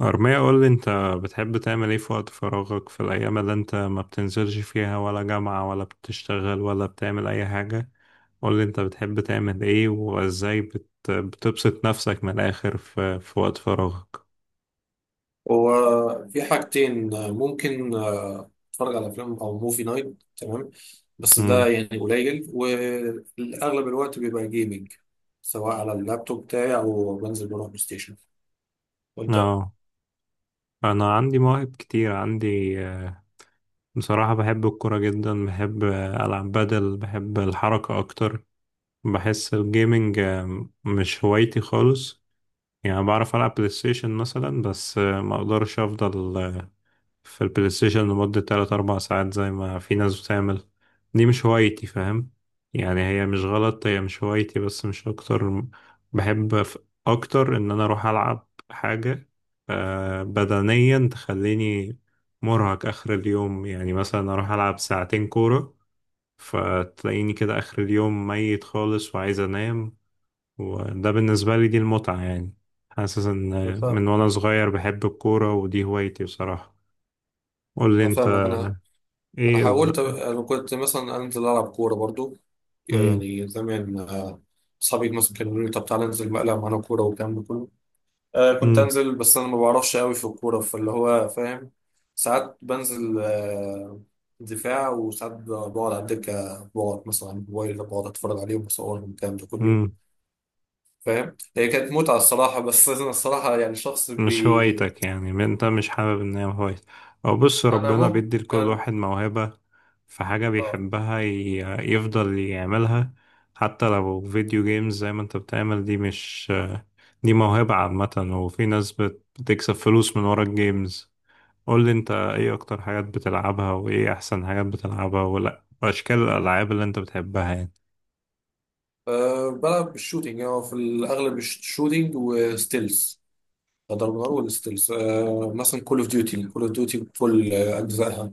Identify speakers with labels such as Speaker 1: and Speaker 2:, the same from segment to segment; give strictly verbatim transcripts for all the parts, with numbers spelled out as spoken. Speaker 1: أرمية، قول لي أنت بتحب تعمل إيه في وقت فراغك، في الأيام اللي أنت ما بتنزلش فيها ولا جامعة ولا بتشتغل ولا بتعمل أي حاجة؟ قول لي أنت بتحب تعمل إيه وإزاي بت... بتبسط نفسك من الآخر في, في وقت فراغك؟
Speaker 2: هو في حاجتين. آه، ممكن آه، اتفرج على افلام او موفي نايت. تمام، بس ده
Speaker 1: امم.
Speaker 2: يعني قليل، واغلب الوقت بيبقى جيمنج، سواء على اللابتوب بتاعي او بنزل بروح بلاي ستيشن. وانت؟
Speaker 1: أه أنا عندي مواهب كتير، عندي آه، بصراحة بحب الكورة جدا، بحب آه، ألعب بدل، بحب الحركة أكتر. بحس الجيمنج آه، مش هوايتي خالص. يعني بعرف ألعب بلاي ستيشن مثلا، بس آه، ما أقدرش أفضل آه، في البلاي ستيشن لمدة تلات أربع ساعات زي ما في ناس بتعمل. دي مش هوايتي، فاهم؟ يعني هي مش غلط، هي مش هوايتي بس، مش أكتر. بحب ف- أكتر إن أنا أروح ألعب حاجة آه، بدنيا تخليني مرهق آخر اليوم. يعني مثلا أروح ألعب ساعتين كورة، فتلاقيني كده آخر اليوم ميت خالص وعايز أنام. وده بالنسبة لي دي المتعة يعني. حاسس
Speaker 2: انا
Speaker 1: ان من
Speaker 2: فاهمك
Speaker 1: وانا صغير بحب الكورة ودي هوايتي بصراحة. قول لي
Speaker 2: انا
Speaker 1: انت.
Speaker 2: فاهمك انا انا
Speaker 1: ايه الز...
Speaker 2: حاولت. انا كنت مثلا انزل العب كوره برضو،
Speaker 1: مم.
Speaker 2: يعني زمان. آه، اصحابي مثلا كانوا يقولوا لي: طب تعالى انزل بقى العب معانا كوره والكلام ده كله. آه كنت
Speaker 1: مم.
Speaker 2: انزل، بس انا ما بعرفش قوي في الكوره، فاللي هو فاهم. ساعات بنزل آه دفاع، وساعات ب- بقعد على الدكه، بقعد مثلا على الموبايل، بقعد اتفرج عليهم وصورهم والكلام ده كله،
Speaker 1: مم.
Speaker 2: فاهم؟ هي كانت متعه الصراحه، بس انا الصراحه يعني شخص
Speaker 1: مش
Speaker 2: بي.
Speaker 1: هوايتك يعني؟ ما انت مش حابب ان هي هوايتك. او بص،
Speaker 2: انا
Speaker 1: ربنا
Speaker 2: ممكن
Speaker 1: بيدي لكل
Speaker 2: أنا...
Speaker 1: واحد موهبة، في حاجة
Speaker 2: اه.
Speaker 1: بيحبها ي... يفضل يعملها. حتى لو فيديو جيمز زي ما انت بتعمل، دي مش، دي موهبة عامة. وفي ناس بت... بتكسب فلوس من ورا الجيمز. قول لي انت، ايه اكتر حاجات بتلعبها وايه احسن حاجات بتلعبها ولا واشكال الالعاب اللي انت بتحبها يعني؟
Speaker 2: آه، بلعب بالشوتينج، يعني هو في الاغلب الشوتينج وستيلز، ضرب نار. والستيلز آه مثلا كول اوف ديوتي، كول اوف ديوتي بكل اجزائها.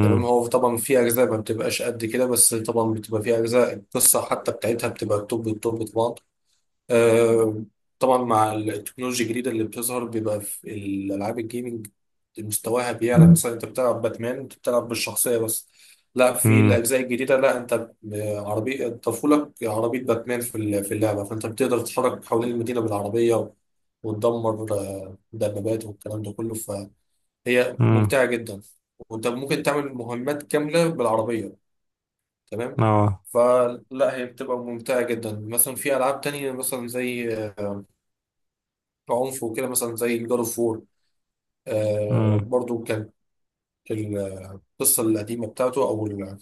Speaker 2: تمام، هو طبعا في اجزاء ما بتبقاش قد كده، بس طبعا بتبقى في اجزاء القصه حتى بتاعتها بتبقى التوب التوب طبعا. آه، طبعا مع التكنولوجيا الجديده اللي بتظهر بيبقى في الالعاب الجيمنج مستواها بيعلى.
Speaker 1: مم.
Speaker 2: مثلا انت بتلعب باتمان، انت بتلعب بالشخصيه بس. لا، في
Speaker 1: امم.
Speaker 2: الاجزاء الجديده لا، انت عربيه طفولك، عربيه باتمان في ال- في اللعبه، فانت بتقدر تتحرك حوالين المدينه بالعربيه وتدمر آه، دبابات والكلام ده كله. هي
Speaker 1: امم.
Speaker 2: ممتعة جدا، وانت ممكن تعمل مهمات كاملة بالعربية، تمام.
Speaker 1: اه.
Speaker 2: فلا هي بتبقى ممتعة جدا. مثلا في ألعاب تانية مثلا زي آه، عنف وكده، مثلا زي جاد اوف وور،
Speaker 1: امم.
Speaker 2: برضو كانت ال- القصة القديمة بتاعته، أو ال-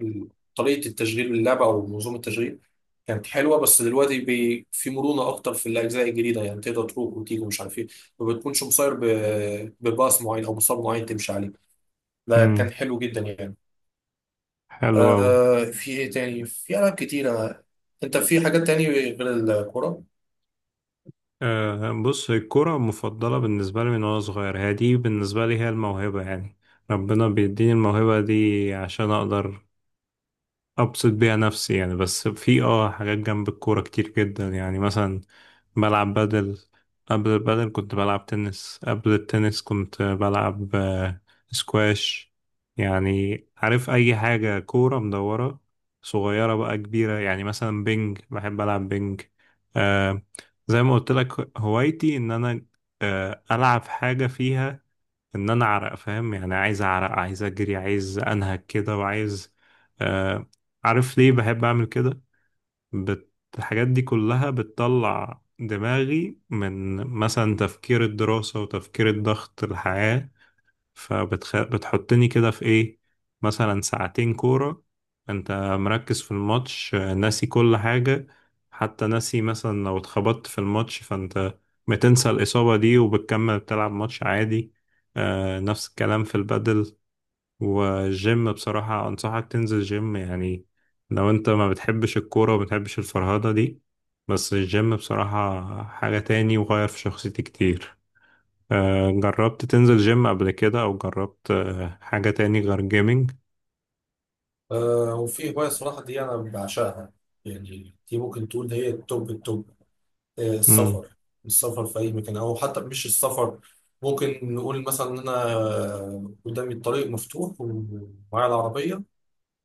Speaker 2: ال- طريقة التشغيل اللعبة أو منظومة التشغيل كانت حلوة، بس دلوقتي بي في مرونة أكتر في الأجزاء الجديدة، يعني تقدر تروح وتيجي ومش عارف إيه، ما بتكونش مصير ب- بباص معين أو مصاب معين تمشي عليه. ده
Speaker 1: امم.
Speaker 2: كان حلو جدا يعني.
Speaker 1: حلو قوي.
Speaker 2: آه، في ايه تاني؟ في ألعاب كتيرة. انت في حاجات تاني غير الكورة؟
Speaker 1: آه بص، الكرة المفضلة بالنسبة لي من وانا صغير، هي دي بالنسبة لي، هي الموهبة يعني. ربنا بيديني الموهبة دي عشان اقدر ابسط بيها نفسي يعني. بس في اه حاجات جنب الكورة كتير جدا. يعني مثلا بلعب بدل، قبل البدل كنت بلعب تنس، قبل التنس كنت بلعب آه، سكواش. يعني عارف، اي حاجة كورة مدورة صغيرة بقى كبيرة، يعني مثلا بينج، بحب العب بينج. آه زي ما قلت لك، هوايتي ان انا آه العب حاجة فيها ان انا اعرق، فاهم؟ يعني عايز اعرق، عايز اجري، عايز انهج كده، وعايز آه عارف ليه بحب اعمل كده؟ بت... الحاجات دي كلها بتطلع دماغي من مثلا تفكير الدراسة وتفكير الضغط الحياة. فبتخ... بتحطني كده في ايه، مثلا ساعتين كورة. انت مركز في الماتش، آه، ناسي كل حاجة. حتى ناسي مثلا لو اتخبطت في الماتش، فانت بتنسى الإصابة دي وبتكمل بتلعب ماتش عادي. آه نفس الكلام في البدل. والجيم بصراحة، أنصحك تنزل جيم يعني، لو انت ما بتحبش الكورة وما بتحبش الفرهدة دي. بس الجيم بصراحة حاجة تاني، وغير في شخصيتي كتير. آه، جربت تنزل جيم قبل كده؟ او جربت آه، حاجة تاني غير جيمنج؟
Speaker 2: آه وفي هواية صراحة دي أنا بعشقها، يعني دي ممكن تقول هي التوب التوب. آه،
Speaker 1: امم.
Speaker 2: السفر. السفر في أي مكان، أو حتى مش السفر، ممكن نقول مثلا إن أنا آه، قدامي الطريق مفتوح ومعايا العربية،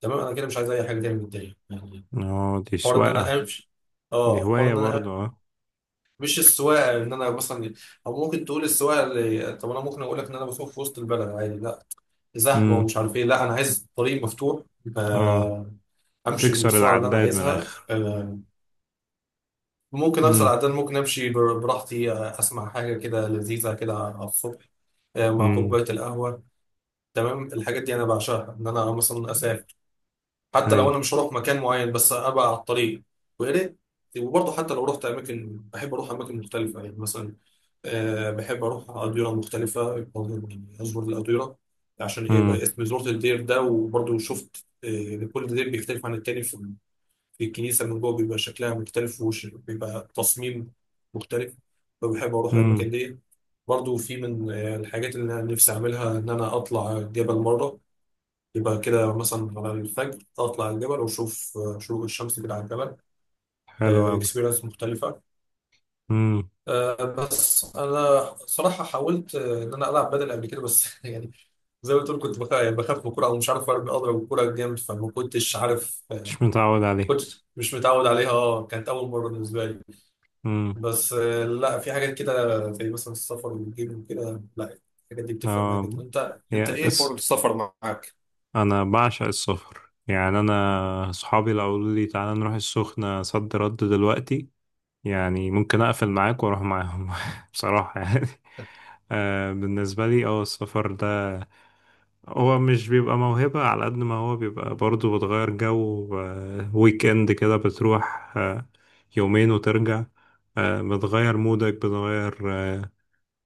Speaker 2: تمام. أنا كده مش عايز أي حاجة تاني من الدنيا يعني.
Speaker 1: اه، دي
Speaker 2: حوار إن أنا
Speaker 1: سواقة،
Speaker 2: أمشي.
Speaker 1: دي
Speaker 2: اه، حوار
Speaker 1: هواية
Speaker 2: ان انا
Speaker 1: برضه.
Speaker 2: أمشي.
Speaker 1: اه.
Speaker 2: مش السواقه ان انا مثلا، او ممكن تقول السواقه اللي، طب انا ممكن اقول لك ان انا بسوق في وسط البلد عادي؟ لا، زحمه
Speaker 1: امم.
Speaker 2: ومش عارف ايه. لا انا عايز طريق مفتوح،
Speaker 1: اه.
Speaker 2: آه، امشي
Speaker 1: تكسر
Speaker 2: بالسرعه اللي انا
Speaker 1: العداد من
Speaker 2: عايزها.
Speaker 1: الاخر.
Speaker 2: آه، ممكن اكسر
Speaker 1: امم.
Speaker 2: عدد، ممكن امشي بر- براحتي، آه، اسمع حاجه كده لذيذه كده على الصبح، آه، مع
Speaker 1: امم.
Speaker 2: كوبايه القهوه، تمام. الحاجات دي انا بعشقها، ان انا مثلا اسافر، حتى لو انا
Speaker 1: هاي.
Speaker 2: مش هروح مكان معين بس ابقى على الطريق، ويا ريت. وبرضه حتى لو رحت اماكن، بحب اروح اماكن مختلفه، يعني مثلا أه بحب اروح اديره مختلفه، برضه يعني ازور الاديره، عشان ايه
Speaker 1: امم.
Speaker 2: بقى اسم زرت الدير ده. وبرضه شفت آه، كل دير بيختلف عن التاني في، في الكنيسه من جوه بيبقى شكلها مختلف، وبيبقى تصميم مختلف، فبحب اروح
Speaker 1: امم.
Speaker 2: الاماكن دي. برضه في من آه، الحاجات اللي انا نفسي اعملها، ان انا اطلع جبل مره، يبقى كده مثلا على الفجر اطلع الجبل واشوف آه، شروق الشمس كده على الجبل،
Speaker 1: حلو قوي.
Speaker 2: اكسبيرينس مختلفه.
Speaker 1: امم.
Speaker 2: آه، بس انا صراحه حاولت، آه، ان انا العب بدل قبل كده، بس يعني زي ما قلت لك كنت بخاف، يعني بخاف من الكوره او مش عارف أرمي- اضرب الكوره جامد، فما كنتش عارف. آه،
Speaker 1: مش متعود عليه.
Speaker 2: كنت مش متعود عليها، اه، كانت اول مره بالنسبه لي.
Speaker 1: امم.
Speaker 2: بس آه، لا، في حاجات كده زي مثلا السفر والجيم وكده، لا الحاجات دي بتفرق معايا
Speaker 1: اه.
Speaker 2: جدا. انت انت
Speaker 1: يا
Speaker 2: ايه حوار
Speaker 1: اس،
Speaker 2: السفر معاك؟
Speaker 1: انا بعشق السفر. يعني انا اصحابي لو قالوا لي تعالى نروح السخنة صد رد دلوقتي، يعني ممكن اقفل معاك واروح معاهم. بصراحة يعني آه، بالنسبة لي اه السفر ده، هو مش بيبقى موهبة على قد ما هو بيبقى برضه بتغير جو. آه، ويك اند كده بتروح آه، يومين وترجع. آه، بتغير مودك، بتغير، آه،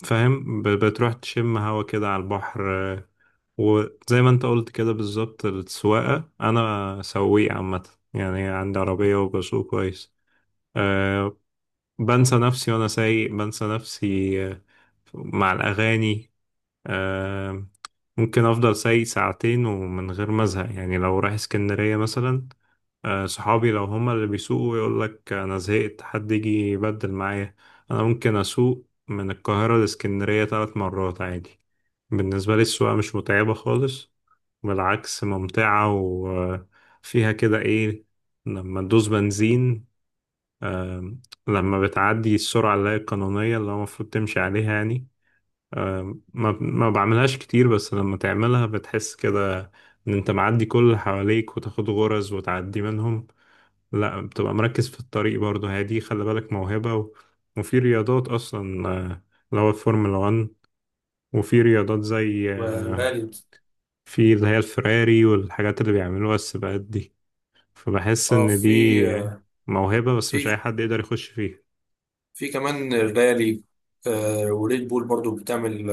Speaker 1: فاهم، ب- بتروح تشم هوا كده على البحر. آه، وزي ما انت قلت كده بالظبط، السواقة أنا سواق عامة، يعني عندي عربية وبسوق كويس. أه بنسى نفسي وأنا سايق، بنسى نفسي آه، مع الأغاني. آه، ممكن افضل سايق ساعتين ومن غير ما ازهق، يعني لو رايح اسكندرية مثلا. آه، صحابي لو هما اللي بيسوقوا يقول لك انا زهقت، حد يجي يبدل معايا. انا ممكن اسوق من القاهرة لاسكندرية ثلاث مرات عادي. بالنسبة لي السواقة مش متعبة خالص، بالعكس ممتعة. وفيها كده ايه، لما تدوس بنزين، لما بتعدي السرعة اللي هي القانونية اللي هو المفروض تمشي عليها يعني. آه، ما ما بعملهاش كتير، بس لما تعملها بتحس كده ان انت معدي كل اللي حواليك وتاخد غرز وتعدي منهم. لا بتبقى مركز في الطريق برضه، هي دي خلي بالك موهبة، و... وفي رياضات اصلا آه، اللي هو الفورمولا واحد. وفي رياضات زي آه،
Speaker 2: وغالي.
Speaker 1: في اللي هي الفراري والحاجات اللي بيعملوها السباقات دي. فبحس
Speaker 2: اه
Speaker 1: ان
Speaker 2: في،
Speaker 1: دي موهبة بس مش اي حد يقدر يخش فيها.
Speaker 2: في كمان الرالي. آه، وريد بول برضو بتعمل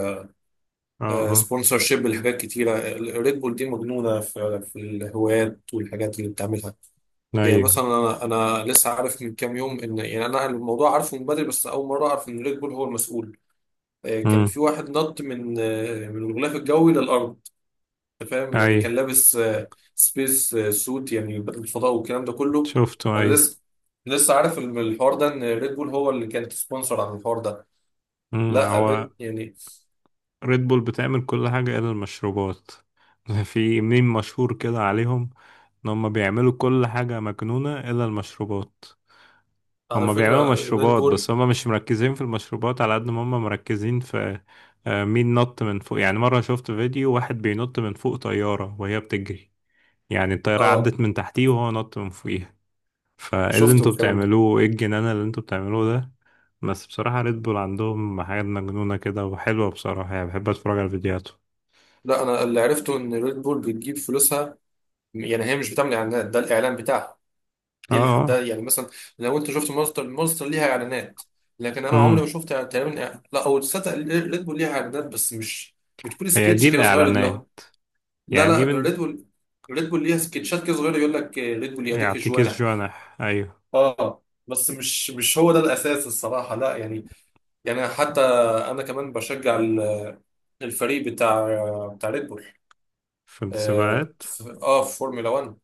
Speaker 1: اه، اه،
Speaker 2: سبونسر شيب لحاجات كتيرة. ريد بول دي مجنونة في في الهوايات والحاجات اللي بتعملها. يعني
Speaker 1: ايوه.
Speaker 2: مثلا أنا أنا لسه عارف من كام يوم إن، يعني أنا الموضوع عارفه من بدري، بس أول مرة أعرف إن ريد بول هو المسؤول. آه، كان
Speaker 1: امم.
Speaker 2: في واحد نط من، آه، من الغلاف الجوي للأرض. أنت فاهم؟
Speaker 1: اي.
Speaker 2: يعني كان لابس سبيس سوت، يعني بدل الفضاء والكلام ده كله.
Speaker 1: شفته،
Speaker 2: أنا
Speaker 1: اي.
Speaker 2: لسه لسه عارف الم- الحوار ده، إن ريد بول هو اللي كانت سبونسر عن الحوار ده.
Speaker 1: مم،
Speaker 2: لا
Speaker 1: هو
Speaker 2: ريد يعني،
Speaker 1: ريد بول بتعمل كل حاجة إلا المشروبات. في ميم مشهور كده عليهم، إن هما بيعملوا كل حاجة مجنونة إلا المشروبات.
Speaker 2: على
Speaker 1: هما بيعملوا
Speaker 2: فكرة ريد
Speaker 1: مشروبات بس
Speaker 2: بول.
Speaker 1: هما مش مركزين في المشروبات على قد ما هما مركزين في آه، مين نط من فوق، يعني مرة شفت فيديو واحد بينط من فوق طيارة وهي بتجري، يعني الطيارة
Speaker 2: اه
Speaker 1: عدت من تحتيه وهو نط من فوقيها. فايه اللي
Speaker 2: شفتوا
Speaker 1: انتوا
Speaker 2: الكلام ده.
Speaker 1: بتعملوه، ايه الجنان اللي انتوا بتعملوه ده؟ بس بصراحة ريد بول عندهم حاجات مجنونة كده وحلوة بصراحة، يعني بحب اتفرج على فيديوهاته.
Speaker 2: لا انا اللي عرفته ان ريد بول بتجيب فلوسها، يعني هي مش بتعمل اعلانات، ده الاعلان بتاعها
Speaker 1: اه.
Speaker 2: دي ال- ده
Speaker 1: اه.
Speaker 2: يعني مثلا لو انت شفت مونستر، مونستر ليها اعلانات. لكن انا عمري
Speaker 1: امم.
Speaker 2: ما شفت تقريبا إع- لا، او تصدق ريد بول ليها اعلانات بس مش بتكون
Speaker 1: هي
Speaker 2: سكتش
Speaker 1: دي
Speaker 2: كده صغير اللي
Speaker 1: الاعلانات
Speaker 2: هو. لا
Speaker 1: يعني؟ دي
Speaker 2: لا
Speaker 1: من،
Speaker 2: ريد بول، ريد بول ليها سكتشات كده صغيره، يقول لك ريد بول يديك
Speaker 1: يعطيكيش
Speaker 2: جوانح.
Speaker 1: جوانح، ايوه.
Speaker 2: اه، بس مش مش هو ده الاساس الصراحه، لا يعني. يعني حتى انا كمان بشجع ال- الفريق بتاع بتاع ريد بول.
Speaker 1: في
Speaker 2: اه
Speaker 1: السباقات.
Speaker 2: في، آه، في فورمولا واحد،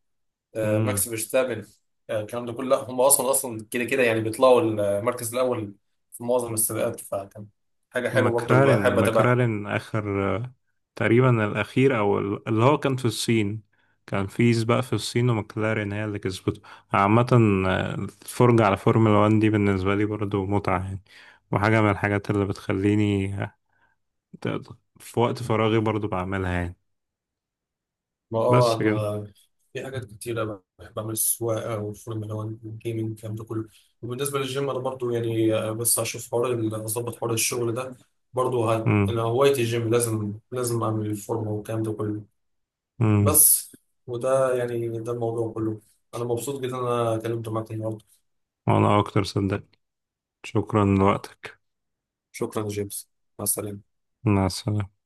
Speaker 2: آه،
Speaker 1: امم.
Speaker 2: ماكس فيرستابن، آه، الكلام ده كله. لا هم اصلا، اصلا كده كده يعني بيطلعوا المركز الاول في معظم السباقات، فكان حاجه حلوه برضه
Speaker 1: مكرارن
Speaker 2: بحب اتابعها.
Speaker 1: مكرارن اخر، آه، تقريبا الاخير، او ال- اللي هو كان في الصين، كان في سباق في الصين ومكلارين هي اللي كسبته. عامة آه، الفرجة على فورمولا واحد دي بالنسبة لي برضو متعة يعني، وحاجة من الحاجات اللي بتخليني آه، ت- في وقت فراغي برضو بعملها يعني.
Speaker 2: ما اه
Speaker 1: بس كده.
Speaker 2: انا في حاجات كتيرة بحب اعمل: السواقة والفورمولا واحد والجيمنج، الكلام ده كله. وبالنسبة للجيم انا برضو يعني، آه، بس هشوف حوار ال- هظبط حوار الشغل ده، برضو هت...
Speaker 1: امم.
Speaker 2: انا هوايتي الجيم، لازم لازم اعمل الفورمة والكلام ده كله.
Speaker 1: امم.
Speaker 2: بس وده يعني ده الموضوع كله. انا مبسوط جدا إن انا اتكلمت معاك النهارده.
Speaker 1: وانا اكتر صدق. شكرا لوقتك.
Speaker 2: شكرا يا جيمس، مع السلامة.
Speaker 1: مع السلامة.